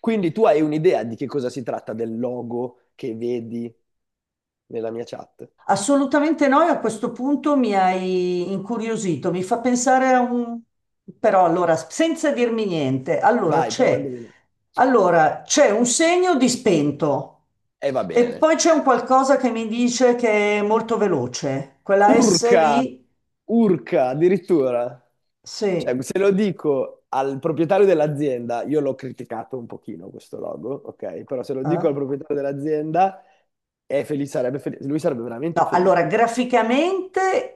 Quindi tu hai un'idea di che cosa si tratta del logo che vedi nella mia chat? Assolutamente no, e a questo punto mi hai incuriosito, mi fa pensare a un. Però allora, senza dirmi niente, allora Vai, prova a c'è indovinare. allora, c'è un segno di spento E va e bene. poi c'è un qualcosa che mi dice che è molto veloce, quella S Urca, lì, urca, addirittura. sì, Cioè, se lo dico al proprietario dell'azienda, io l'ho criticato un pochino questo logo, ok? Però se lo dico eh? al proprietario dell'azienda, è felice, sarebbe felice, lui sarebbe veramente No, allora felice, perché graficamente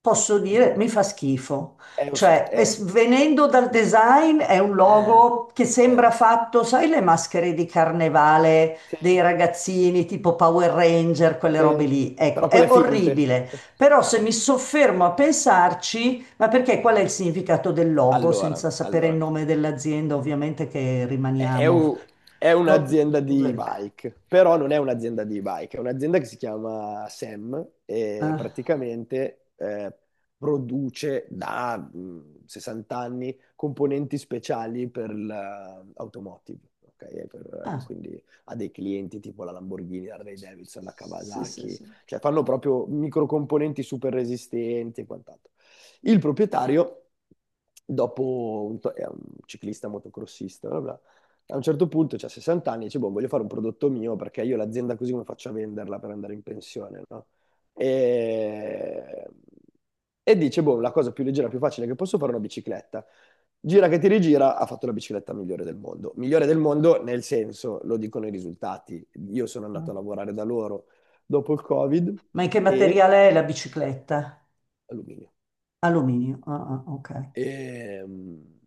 posso È, un dire po'- mi fa schifo. è os- Cioè, è- venendo dal design, è un eh, logo che sembra eh, fatto, sai, le maschere di carnevale sì, dei ragazzini tipo Power Ranger, quelle robe sì, lì. Ecco, però è quelle finte. orribile. Sì, Però se sì. mi soffermo a pensarci, ma perché qual è il significato del logo, Allora, senza sapere il allora. nome dell'azienda, ovviamente che è, è rimaniamo. un- è No, un'azienda di poveri. bike, però non è un'azienda di bike, è un'azienda che si chiama SEM e Eh, praticamente produce da 60 anni componenti speciali per l'automotive, ok? Ah, Quindi ha dei clienti tipo la Lamborghini, la Harley Davidson, la sì, sì, Kawasaki, sì. cioè fanno proprio microcomponenti super resistenti e quant'altro. Il proprietario, è un ciclista motocrossista, bla bla, a un certo punto, c'ha 60 anni, e dice, boh, voglio fare un prodotto mio perché io l'azienda così come faccio a venderla per andare in pensione, no? E... e dice, boh, la cosa più leggera, più facile che posso fare è una bicicletta. Gira che ti rigira, ha fatto la bicicletta migliore del mondo. Migliore del mondo nel senso, lo dicono i risultati. Io sono andato a Ah. lavorare da loro dopo il Covid Ma in che e materiale è la bicicletta? alluminio. Alluminio. Ah, ah, ok. E, mh,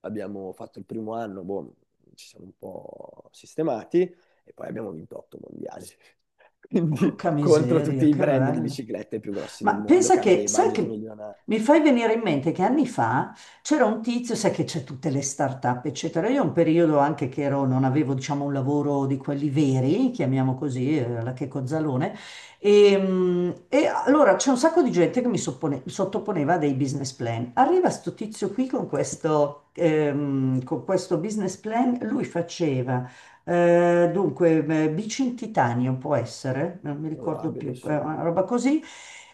Abbiamo fatto il primo anno, boh, ci siamo un po' sistemati e poi abbiamo vinto otto mondiali. Quindi Porca contro tutti miseria, i che brand di bello. biciclette più grossi del Ma mondo pensa che hanno che, dei sai budget che milionari. mi fai venire in mente che anni fa c'era un tizio, sai che c'è tutte le start-up, eccetera. Io un periodo anche che ero, non avevo, diciamo, un lavoro di quelli veri, chiamiamo così, la che cozzalone. E allora c'è un sacco di gente che mi sottoponeva a dei business plan. Arriva sto tizio qui con questo business plan, lui faceva. Bici in titanio può essere, non mi ricordo Probabile, più, sì. Una roba così,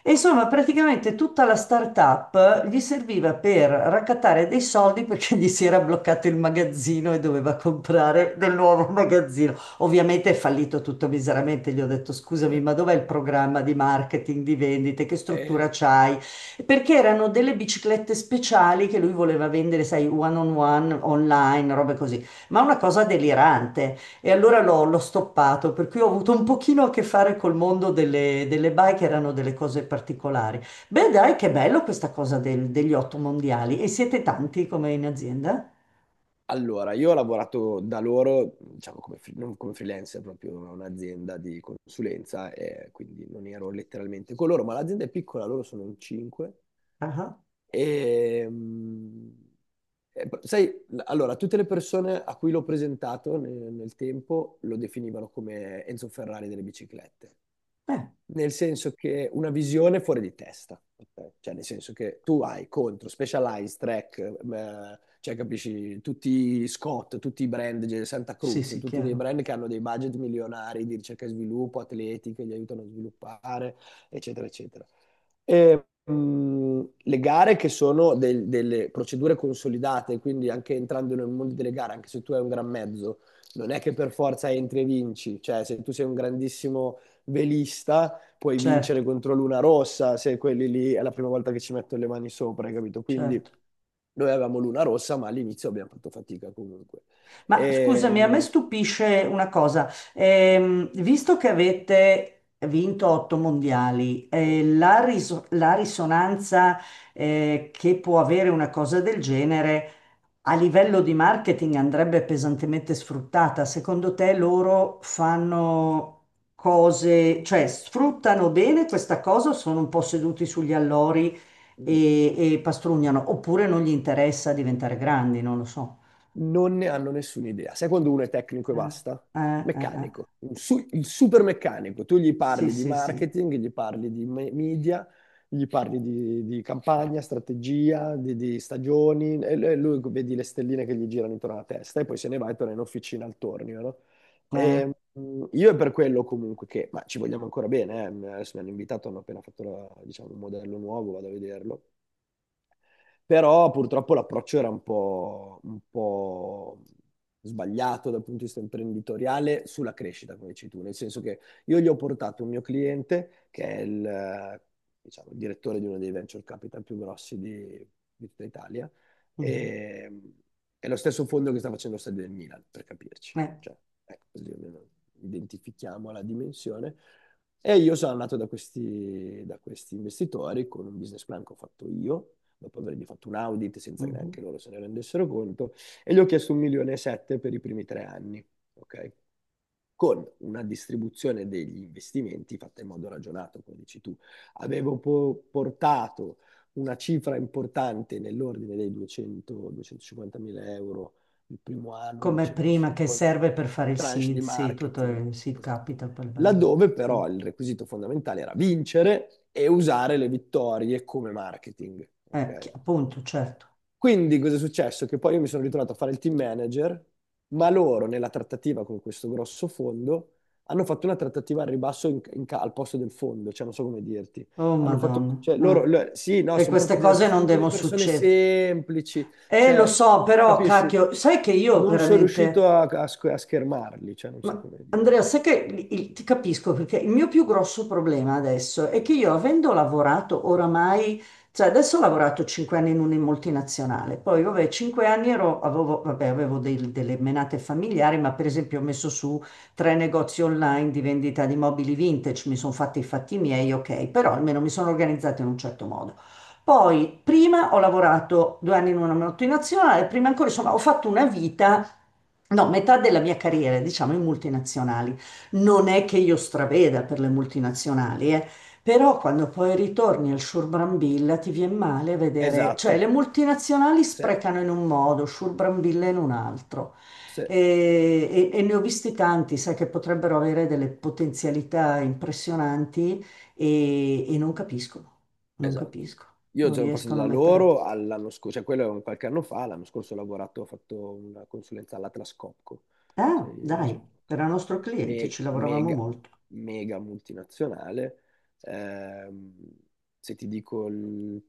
e insomma, praticamente tutta la startup gli serviva per raccattare dei soldi perché gli si era bloccato il magazzino e doveva comprare del nuovo magazzino. Ovviamente è fallito tutto miseramente. Gli ho detto: Sì. scusami, ma dov'è il programma di marketing, di vendite? Che struttura E c'hai? Perché erano delle biciclette speciali che lui voleva vendere, sai, one on one, online, robe così. Ma una cosa delirante. E allora l'ho stoppato, per cui ho avuto un pochino a che fare col mondo delle bike, erano delle cose particolari. Beh, dai, che bello questa cosa degli otto mondiali. E siete tanti come in azienda? allora, io ho lavorato da loro, diciamo, non come freelancer, proprio a un'azienda di consulenza, e quindi non ero letteralmente con loro, ma l'azienda è piccola, loro sono in cinque. Ah, E, mh, Sai, allora, tutte le persone a cui l'ho presentato nel tempo lo definivano come Enzo Ferrari delle biciclette, eh, nel senso che una visione fuori di testa, ok? Cioè nel senso che tu hai contro Specialized, Trek, cioè capisci, tutti i Scott, tutti i brand, cioè, Santa sì, Cruz, sì, tutti dei chiaro. brand che hanno dei budget milionari di ricerca e sviluppo, atleti che li aiutano a sviluppare, eccetera, eccetera. Le gare che sono delle procedure consolidate, quindi anche entrando nel mondo delle gare, anche se tu hai un gran mezzo, non è che per forza entri e vinci, cioè se tu sei un grandissimo velista puoi Certo, vincere contro Luna Rossa se quelli lì è la prima volta che ci metto le mani sopra, hai capito? Quindi certo. noi avevamo Luna Rossa, ma all'inizio abbiamo fatto fatica comunque. Ma scusami, a me E, stupisce una cosa. Visto che avete vinto otto mondiali, la risonanza, che può avere una cosa del genere. A livello di marketing andrebbe pesantemente sfruttata. Secondo te loro fanno cose, cioè sfruttano bene questa cosa o sono un po' seduti sugli allori mh, e pastrugnano? Oppure non gli interessa diventare grandi, non lo so. Non ne hanno nessuna idea. Sai quando uno è tecnico e Eh, basta? Eh. Meccanico, il super meccanico. Tu gli Sì, parli di sì, sì. marketing, gli parli di media, gli parli di, campagna, strategia, di stagioni, e lui vedi le stelline che gli girano intorno alla testa e poi se ne va e torna in officina al tornio, no? Eh, Io è per quello comunque che, ma ci vogliamo ancora bene, eh. Adesso mi hanno invitato, hanno appena fatto diciamo, un modello nuovo, vado a vederlo. Però purtroppo l'approccio era un po' sbagliato dal punto di vista imprenditoriale sulla crescita, come dici tu, nel senso che io gli ho portato un mio cliente che è il, diciamo, il direttore di uno dei venture capital più grossi di tutta Italia mhm, e è lo stesso fondo che sta facendo lo stadio del Milan, per capirci. eh, Cioè, ecco, così almeno identifichiamo la dimensione. E io sono andato da questi investitori con un business plan che ho fatto io, dopo avergli fatto un audit senza che mhm. neanche loro se ne rendessero conto, e gli ho chiesto un milione e sette per i primi 3 anni, ok? Con una distribuzione degli investimenti fatta in modo ragionato, come dici tu. Avevo portato una cifra importante nell'ordine dei 200-250 mila euro il primo anno, Come 200 il prima che secondo, serve per di fare il tranche seed, di sì, tutto marketing, il seed esatto, capital, poi il baleno. laddove però No? il requisito fondamentale era vincere e usare le vittorie come marketing, ok? Appunto, certo. Quindi cosa è successo? Che poi io mi sono ritrovato a fare il team manager, ma loro nella trattativa con questo grosso fondo hanno fatto una trattativa al ribasso al posto del fondo, cioè non so come dirti. Oh Hanno fatto, Madonna. cioè loro, Ah. Sì, no, E sono queste proprio delle, cose non sono delle devono persone succedere. semplici, Lo cioè, so, però, capisci? cacchio, sai che io Non sono veramente. riuscito a schermarli, cioè non so Ma come Andrea, dire. sai che ti capisco, perché il mio più grosso problema adesso è che io avendo lavorato oramai, cioè adesso ho lavorato 5 anni in una multinazionale, poi vabbè, 5 anni ero, avevo, vabbè, avevo delle menate familiari, ma per esempio ho messo su tre negozi online di vendita di mobili vintage, mi sono fatti i fatti miei, ok, però almeno mi sono organizzata in un certo modo. Poi, prima ho lavorato 2 anni in una multinazionale, prima ancora, insomma, ho fatto una vita. No, metà della mia carriera, diciamo, in multinazionali. Non è che io straveda per le multinazionali, eh. Però quando poi ritorni al Sciurbrambilla ti viene male a vedere, cioè le Esatto, multinazionali sì. sprecano in un modo, Sciurbrambilla in un altro. Sì, E ne ho visti tanti, sai, che potrebbero avere delle potenzialità impressionanti e non capiscono, non esatto. capiscono, Io non sono passato riescono a da mettere loro all'anno scorso, cioè quello è un qualche anno fa, l'anno scorso ho lavorato, ho fatto una consulenza all'Atlas Copco, a. Ah, sai, dai, era nostro cliente, ci lavoravamo mega, molto. mega multinazionale. Ehm, se ti dico il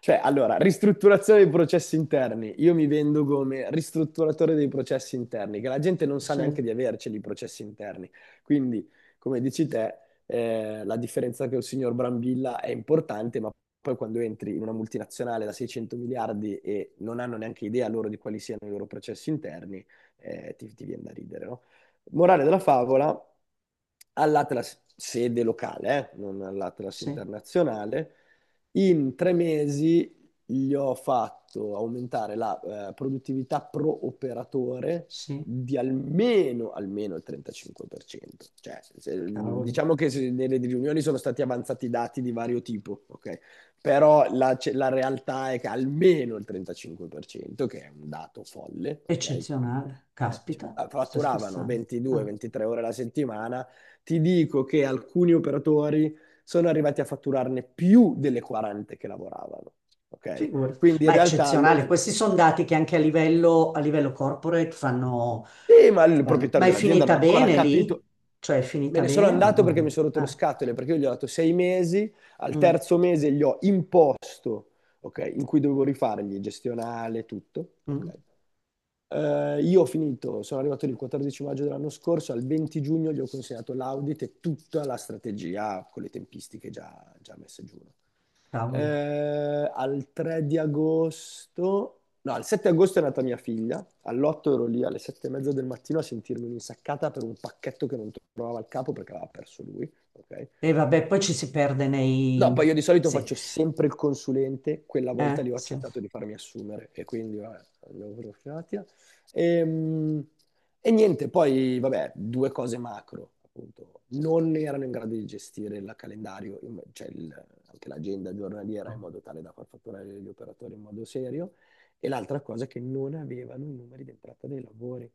Cioè, allora, ristrutturazione dei processi interni. Io mi vendo come ristrutturatore dei processi interni, che la gente non sa Sì. neanche di averceli i processi interni. Quindi, come dici te, la differenza che il signor Brambilla è importante, ma poi quando entri in una multinazionale da 600 miliardi e non hanno neanche idea loro di quali siano i loro processi interni, ti viene da ridere, no? Morale della favola, all'Atlas sede locale, non all'Atlas Sì, internazionale, in 3 mesi gli ho fatto aumentare la produttività pro operatore sì, di almeno il 35%. Cioè, cavoli. diciamo che nelle riunioni sono stati avanzati dati di vario tipo, ok? Però la, la realtà è che almeno il 35%, che è un dato folle, ok? Quindi, Eccezionale. Cioè, Caspita, stai fatturavano scherzando? Ah, 22-23 ore alla settimana. Ti dico che alcuni operatori sono arrivati a fatturarne più delle 40 che lavoravano. Ok? figurati. Quindi in Ma è realtà lo. eccezionale. Questi sono dati che anche a livello corporate fanno, Sì, ma il fanno- Ma proprietario è dell'azienda non finita ha ancora bene lì? capito. Cioè è Me finita ne sono bene o andato perché mi no? sono rotto le Ah, scatole, perché io gli ho dato 6 mesi, al mm, terzo mese gli ho imposto, ok, in cui dovevo rifargli gestionale, tutto, mm, ok? Io ho finito, sono arrivato il 14 maggio dell'anno scorso, al 20 giugno gli ho consegnato l'audit e tutta la strategia con le tempistiche già messe giù, no? cavoli. Al 3 di agosto, no, al 7 agosto è nata mia figlia, all'8 ero lì alle 7 e mezza del mattino a sentirmi un'insaccata per un pacchetto che non trovava il capo perché aveva perso lui, ok? E vabbè, poi ci si perde No, poi nei. io di solito Sì, faccio sempre il consulente, quella volta lì ho sì. accettato di farmi assumere e quindi vabbè, abbiamo profilatia. Ehm, E, niente, poi vabbè, due cose macro, appunto. Non erano in grado di gestire il calendario, cioè anche l'agenda giornaliera in modo tale da far fatturare gli operatori in modo serio. E l'altra cosa è che non avevano i numeri d'entrata dei lavori.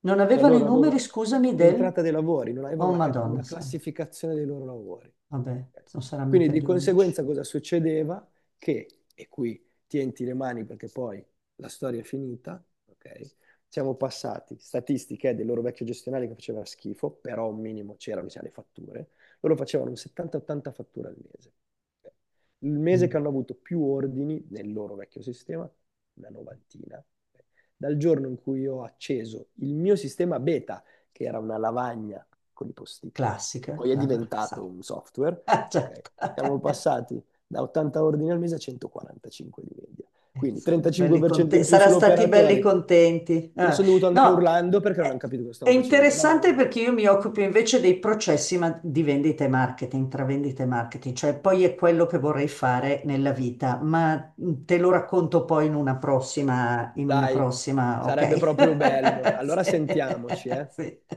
Non Cioè avevano i loro numeri, avevano scusami, del. l'entrata dei lavori, non avevano Oh, una, ca- Madonna, una santa. classificazione dei loro lavori, Vabbè, ok? non saranno Quindi mica di gli unici. conseguenza cosa succedeva? Che, e qui tienti le mani perché poi la storia è finita, ok? Siamo passati, statistiche del loro vecchio gestionale che faceva schifo, però un minimo c'erano, le fatture, loro facevano un 70-80 fatture al mese, ok? Il mese Mm. che hanno avuto più ordini nel loro vecchio sistema, una novantina, ok? Dal giorno in cui ho acceso il mio sistema beta, che era una lavagna con i post-it, e Classica, poi è sa- diventato sa- un software, Ah, ok? certo. Siamo passati da 80 ordini al mese a 145 di media. Quindi 35% in più Sarà stati belli sull'operatore. contenti. Me ne Ah. sono dovuto andare No, urlando perché è non hanno capito cosa è stavo facendo. interessante No, perché io mi occupo invece dei processi di vendita e marketing, tra vendita e marketing, cioè poi è quello che vorrei fare nella vita, ma te lo racconto poi in una prossima, in una dai, prossima, sarebbe ok? proprio bello. Allora Sì. sentiamoci, eh. Sì.